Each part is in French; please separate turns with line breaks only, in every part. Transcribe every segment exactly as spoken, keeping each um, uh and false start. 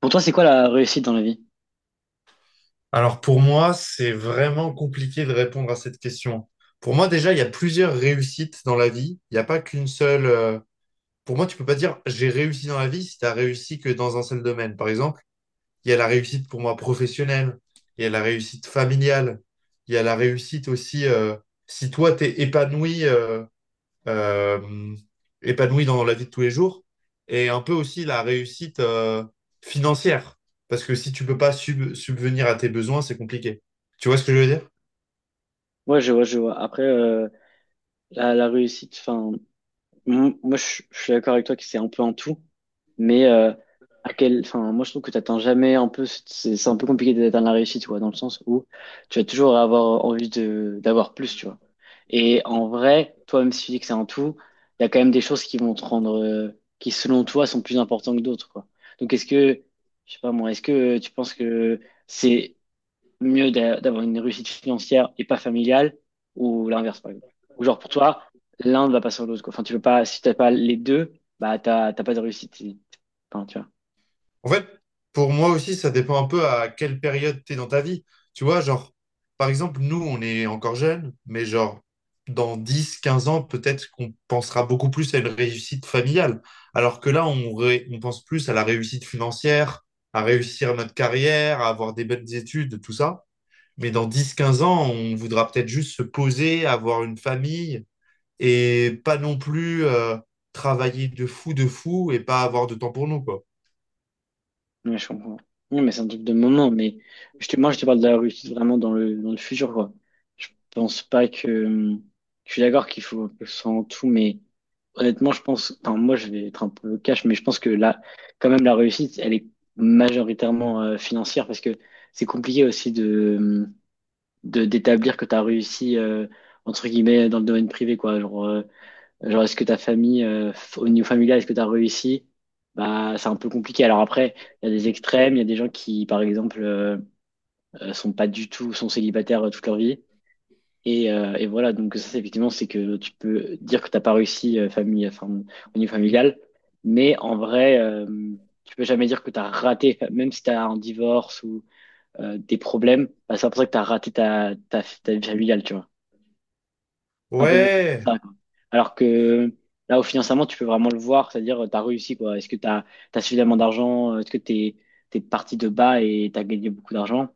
Pour toi, c'est quoi la réussite dans la vie?
Alors pour moi, c'est vraiment compliqué de répondre à cette question. Pour moi, déjà, il y a plusieurs réussites dans la vie. Il n'y a pas qu'une seule. euh, Pour moi, tu peux pas dire j'ai réussi dans la vie si tu as réussi que dans un seul domaine. Par exemple, il y a la réussite pour moi professionnelle, il y a la réussite familiale, il y a la réussite aussi euh, si toi t'es épanoui. euh, euh, Épanoui dans la vie de tous les jours et un peu aussi la réussite euh, financière. Parce que si tu peux pas sub- subvenir à tes besoins, c'est compliqué. Tu vois ce que je veux dire?
Ouais, je vois, je vois. Après, euh, la, la réussite, enfin, m- moi, je, je suis d'accord avec toi que c'est un peu en tout, mais euh, à quel, enfin, moi, je trouve que t'atteins jamais un peu, c'est c'est un peu compliqué d'atteindre la réussite, tu vois, dans le sens où tu vas toujours avoir envie de d'avoir plus, tu vois. Et en vrai, toi, même si tu dis que c'est un tout, il y a quand même des choses qui vont te rendre, euh, qui selon toi sont plus importantes que d'autres, quoi. Donc, est-ce que, je sais pas moi, est-ce que tu penses que c'est mieux d'a- d'avoir une réussite financière et pas familiale ou l'inverse, par exemple. Ou genre, pour toi, l'un va pas sans l'autre, quoi. Enfin, tu veux pas, si t'as pas les deux, bah, t'as, t'as pas de réussite. Et- Enfin, tu vois.
En fait, pour moi aussi, ça dépend un peu à quelle période tu es dans ta vie. Tu vois, genre, par exemple, nous, on est encore jeunes, mais genre, dans dix quinze ans, peut-être qu'on pensera beaucoup plus à une réussite familiale. Alors que là, on, ré- on pense plus à la réussite financière, à réussir notre carrière, à avoir des bonnes études, tout ça. Mais dans dix quinze ans, on voudra peut-être juste se poser, avoir une famille et pas non plus euh, travailler de fou de fou et pas avoir de temps pour nous, quoi.
Ouais, je comprends. Ouais, mais c'est un truc de moment, mais je te, moi, je te parle de la réussite vraiment dans le, dans le futur, quoi. Je pense pas que, je suis d'accord qu'il faut que ce soit tout, mais honnêtement, je pense, enfin, moi, je vais être un peu cash, mais je pense que là, quand même, la réussite, elle est majoritairement euh, financière parce que c'est compliqué aussi de, de d'établir que tu as réussi euh, entre guillemets dans le domaine privé, quoi. Genre euh, genre est-ce que ta famille, euh, f- au niveau familial, est-ce que tu as réussi? Bah c'est un peu compliqué. Alors après il y a des extrêmes, il y a des gens qui par exemple euh, euh, sont pas du tout, sont célibataires euh, toute leur vie et, euh, et voilà. Donc ça c'est effectivement, c'est que tu peux dire que t'as pas réussi euh, famille, enfin, au niveau familial. Mais en vrai euh, tu peux jamais dire que tu as raté, enfin, même si tu as un divorce ou euh, des problèmes, bah, c'est pas pour ça que tu as raté ta, ta, ta vie familiale, tu vois. Un peu beaucoup comme
Ouais,
ça, quoi. Alors que là, au financement, tu peux vraiment le voir, c'est-à-dire, tu as réussi, quoi. Est-ce que tu as suffisamment d'argent? Est-ce que tu es parti de bas et tu as gagné beaucoup d'argent?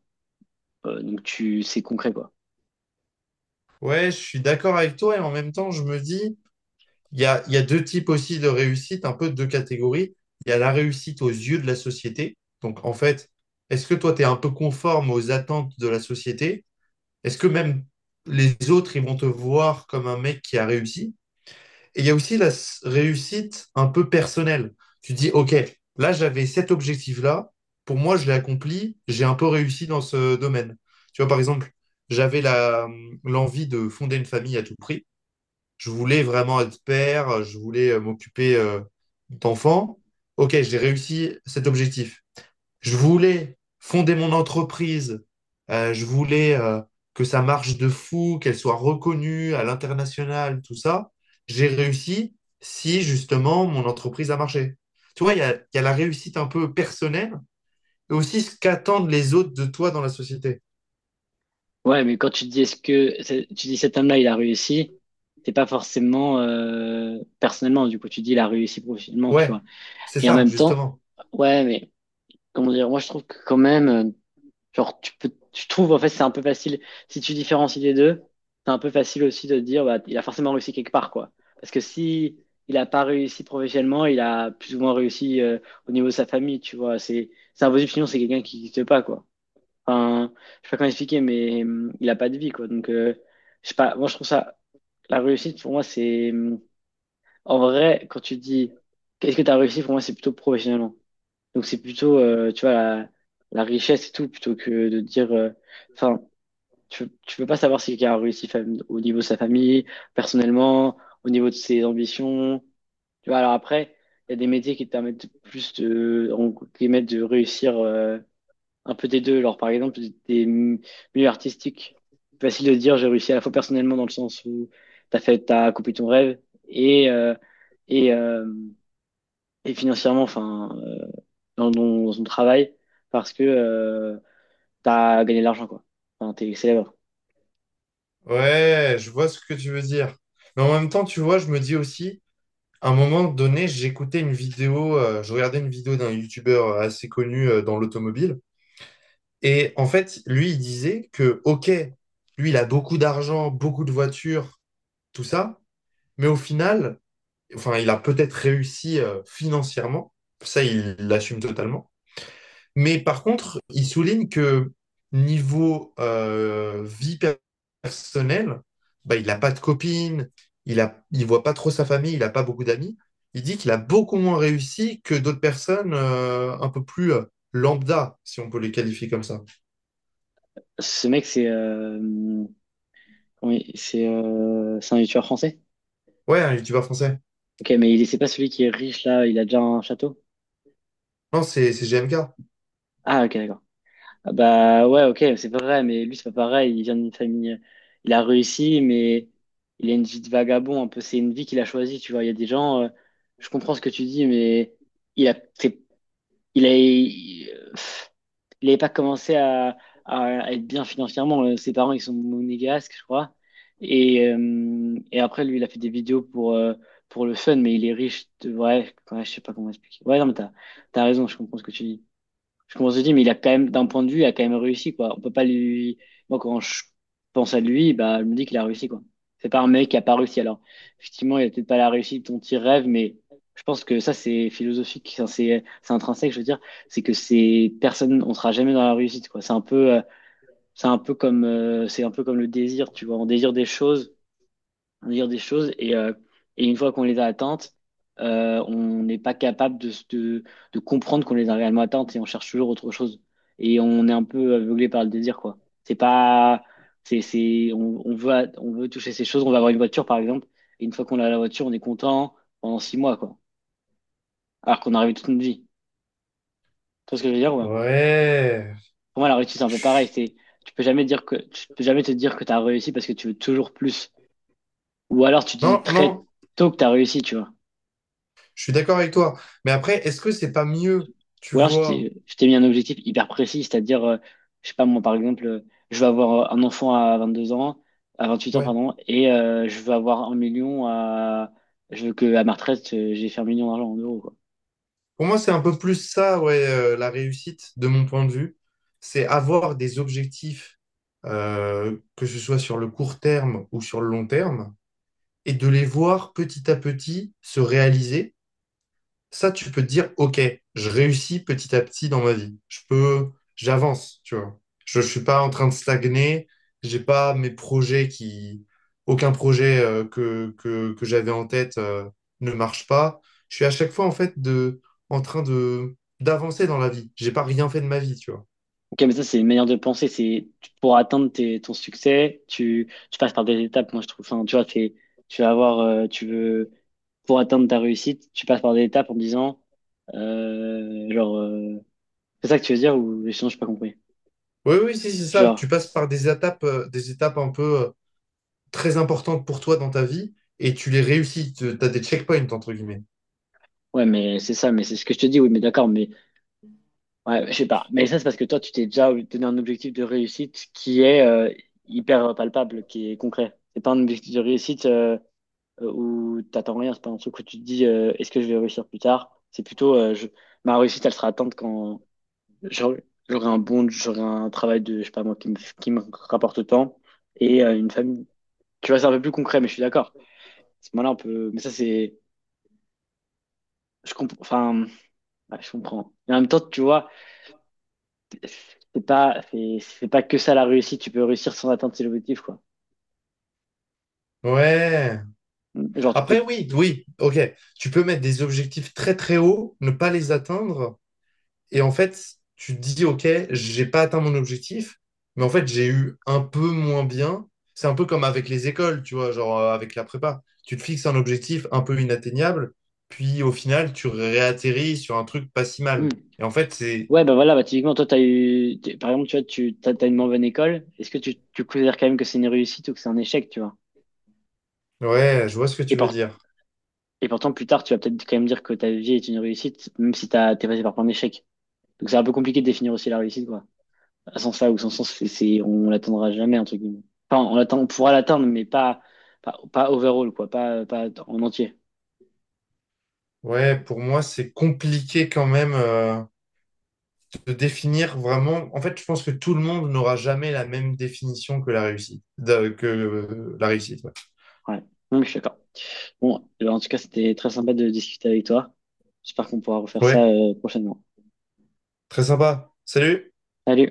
Euh, donc, tu, c'est concret, quoi.
ouais, je suis d'accord avec toi et en même temps, je me dis, il y a, il y a deux types aussi de réussite, un peu deux catégories. Il y a la réussite aux yeux de la société. Donc, en fait, est-ce que toi, tu es un peu conforme aux attentes de la société? Est-ce que même les autres, ils vont te voir comme un mec qui a réussi? Et il y a aussi la s- réussite un peu personnelle. Tu dis, OK, là, j'avais cet objectif-là. Pour moi, je l'ai accompli. J'ai un peu réussi dans ce domaine. Tu vois, par exemple, j'avais la, hum, l'envie de fonder une famille à tout prix. Je voulais vraiment être père. Je voulais euh, m'occuper euh, d'enfants. OK, j'ai réussi cet objectif. Je voulais fonder mon entreprise. Euh, je voulais euh, que ça marche de fou, qu'elle soit reconnue à l'international, tout ça. J'ai réussi si justement mon entreprise a marché. Tu vois, il y a, il y a la réussite un peu personnelle et aussi ce qu'attendent les autres de toi dans la société.
Ouais, mais quand tu te dis, est-ce que, c'est- tu dis cet homme-là, il a réussi, c'est pas forcément euh, personnellement, du coup, tu dis, il a réussi professionnellement, tu
Ouais,
vois.
c'est
Et en
ça,
même temps,
justement.
ouais, mais comment dire, moi, je trouve que quand même. Genre, tu peux, je trouve, en fait, c'est un peu facile. Si tu différencies les deux, c'est un peu facile aussi de te dire, bah, il a forcément réussi quelque part, quoi. Parce que si il a pas réussi professionnellement, il a plus ou moins réussi euh, au niveau de sa famille, tu vois. C'est, c'est impossible, sinon c'est quelqu'un qui n'existe pas, quoi. Enfin, je sais pas comment expliquer, mais hum, il a pas de vie, quoi. Donc, euh, je sais pas, moi, je trouve ça, la réussite, pour moi, c'est, hum, en vrai, quand tu dis, qu'est-ce que tu as réussi, pour moi, c'est plutôt professionnellement. Donc c'est plutôt, euh, tu vois, la, la richesse et tout, plutôt que de dire, euh, enfin, tu, tu peux pas savoir si quelqu'un a réussi fam- au niveau de sa famille, personnellement, au niveau de ses ambitions. Tu vois, alors après, il y a des métiers qui te permettent plus de, en- qui permettent de réussir euh, un peu des deux. Alors par exemple, des m- milieux artistiques, c'est facile de dire j'ai réussi à la fois personnellement dans le sens où t'as fait, t'as accompli ton rêve et euh, et euh, et financièrement, enfin. Euh, dans, ton- dans ton travail parce que euh, t'as gagné de l'argent, quoi. Enfin, t'es célèbre.
Ouais, je vois ce que tu veux dire. Mais en même temps, tu vois, je me dis aussi, à un moment donné, j'écoutais une vidéo, euh, je regardais une vidéo d'un youtubeur assez connu euh, dans l'automobile. Et en fait, lui, il disait que, OK, lui, il a beaucoup d'argent, beaucoup de voitures, tout ça, mais au final, enfin, il a peut-être réussi euh, financièrement, ça, il l'assume totalement. Mais par contre, il souligne que niveau euh, vie per- personnelle, bah, il n'a pas de copine, il a, il voit pas trop sa famille, il n'a pas beaucoup d'amis. Il dit qu'il a beaucoup moins réussi que d'autres personnes euh, un peu plus euh, lambda, si on peut les qualifier comme ça.
Ce mec, c'est euh, comment il- c'est euh, c'est un youtubeur français.
Ouais, un youtubeur français.
Ok, mais il c'est pas celui qui est riche là, il a déjà un château.
Non, c'est c'est G M K.
Ah, ok, d'accord. Ah, bah ouais, ok, c'est pas vrai, mais lui, c'est pas pareil. Il vient d'une famille, euh, il a réussi, mais il a une vie de vagabond, un peu. C'est une vie qu'il a choisie, tu vois. Il y a des gens, euh, je comprends ce que tu dis, mais il a, c'est- il a, Il n'avait pas commencé à, à être bien financièrement. Euh, Ses parents, ils sont monégasques, je crois. Et, euh, et après, lui, il a fait des vidéos pour, euh, pour le fun, mais il est riche. De... Ouais, ouais, je sais pas comment expliquer. Ouais, non, mais t'as, t'as raison, je comprends ce que tu dis. Je commence à me dire, mais il a quand même, d'un point de vue, il a quand même réussi, quoi. On peut pas lui. Moi, quand je pense à lui, bah, je me dis qu'il a réussi, quoi. C'est pas un mec qui a pas réussi. Alors, effectivement, il a peut-être pas la réussite dont il rêve, mais je pense que ça, c'est philosophique, ça, c'est c'est intrinsèque, je veux dire. C'est que ces personnes, on sera jamais dans la réussite, quoi. C'est un peu, euh, c'est un peu comme, euh, c'est un peu comme le désir, tu vois. On désire des choses dire des choses et, euh, et une fois qu'on les a atteintes, euh, on n'est pas capable de, se- de, de comprendre qu'on les a réellement atteintes et on cherche toujours autre chose. Et on est un peu aveuglé par le désir, quoi. C'est pas, c'est, c'est, on, on veut, a- on veut toucher ces choses, on va avoir une voiture, par exemple, et une fois qu'on a la voiture, on est content pendant six mois, quoi. Alors qu'on a rêvé toute notre vie. Tu vois ce que je veux dire, ouais.
Ouais.
Pour moi, la réussite, c'est un peu pareil. C'est, tu peux jamais dire que, tu peux jamais te dire que tu as réussi parce que tu veux toujours plus. Ou alors, tu te
Non,
dis
non,
très tôt que tu as réussi, tu vois.
je suis d'accord avec toi. Mais après, est-ce que c'est pas mieux, tu
Ou alors, je
vois?
t'ai je t'ai mis un objectif hyper précis, c'est-à-dire, euh, je sais pas, moi, par exemple, euh, je veux avoir euh, un enfant à vingt-deux ans, à vingt-huit ans,
Ouais.
pardon, et euh, je veux avoir un million à... Je veux que à ma retraite, euh, j'ai fait un million d'argent en euros, quoi.
Pour moi, c'est un peu plus ça, ouais, euh, la réussite, de mon point de vue. C'est avoir des objectifs, euh, que ce soit sur le court terme ou sur le long terme, et de les voir petit à petit se réaliser. Ça, tu peux te dire, OK, je réussis petit à petit dans ma vie. Je peux, j'avance, tu vois. Je ne suis pas en train de stagner. J'ai pas mes projets qui, aucun projet euh, que, que, que j'avais en tête euh, ne marche pas. Je suis à chaque fois, en fait, de, en train de, d'avancer dans la vie. J'ai pas rien fait de ma vie, tu vois.
Ok, mais ça, c'est une manière de penser. C'est tu- pour atteindre tes, ton succès, tu, tu passes par des étapes. Moi, je trouve. Enfin, tu vois, t'es- tu vas avoir, euh, tu veux pour atteindre ta réussite, tu passes par des étapes en disant, euh, genre, euh, c'est ça que tu veux dire ou sinon, j'ai pas compris.
Oui, oui, si, c'est ça.
Genre.
Tu passes par des étapes, euh, des étapes un peu euh, très importantes pour toi dans ta vie et tu les réussis. Tu as des checkpoints, entre guillemets.
Ouais, mais c'est ça, mais c'est ce que je te dis, oui, mais d'accord, mais ouais, je sais pas. Mais ça, c'est parce que toi, tu t'es déjà donné un objectif de réussite qui est euh, hyper palpable, qui est concret. C'est pas un objectif de réussite euh, euh, où t'attends rien, c'est pas un truc où tu te dis euh, est-ce que je vais réussir plus tard? C'est plutôt euh, je- ma réussite, elle sera atteinte quand j'aurai j'aurai un bon, j'aurai un travail de, je sais pas moi, qui me, qui me rapporte autant et euh, une famille. Tu vois, c'est un peu plus concret, mais je suis d'accord. À ce moment-là, on peut. Mais ça, c'est. Je comprends. Enfin, ouais, je comprends. Et en même temps, tu vois. C'est pas, c'est c'est pas que ça la réussite. Tu peux réussir sans atteindre ses objectifs, quoi.
Ouais.
Mm. Genre, tu peux.
Après, oui, oui, ok. Tu peux mettre des objectifs très très hauts, ne pas les atteindre. Et en fait, tu te dis, OK, j'ai pas atteint mon objectif, mais en fait, j'ai eu un peu moins bien. C'est un peu comme avec les écoles, tu vois, genre euh, avec la prépa. Tu te fixes un objectif un peu inatteignable, puis au final, tu réatterris sur un truc pas si
Hmm.
mal. Et en fait, c'est...
Ouais, bah voilà, bah typiquement, toi, t'as eu. T'es- Par exemple, tu vois, tu t'as, t'as une moins bonne école. Est-ce que tu, tu considères quand même que c'est une réussite ou que c'est un échec, tu vois?
Ouais, je vois ce que
Et,
tu veux
pour-
dire.
et pourtant, plus tard, tu vas peut-être quand même dire que ta vie est une réussite, même si t'as, t'es passé par plein d'échecs. Donc, c'est un peu compliqué de définir aussi la réussite, quoi. À sens là ou sans sens, c'est, c'est- on l'atteindra jamais, entre guillemets. Enfin, on l'atteint, on pourra l'atteindre, mais pas, pas, pas overall, quoi. Pas, pas en entier.
Ouais, pour moi, c'est compliqué quand même euh, de définir vraiment. En fait, je pense que tout le monde n'aura jamais la même définition que la réussite. de- que euh, la réussite. Ouais,
Ouais. Non, mais je suis d'accord. Bon, en tout cas, c'était très sympa de discuter avec toi. J'espère qu'on pourra refaire
ouais,
ça euh, prochainement.
très sympa. Salut!
Salut!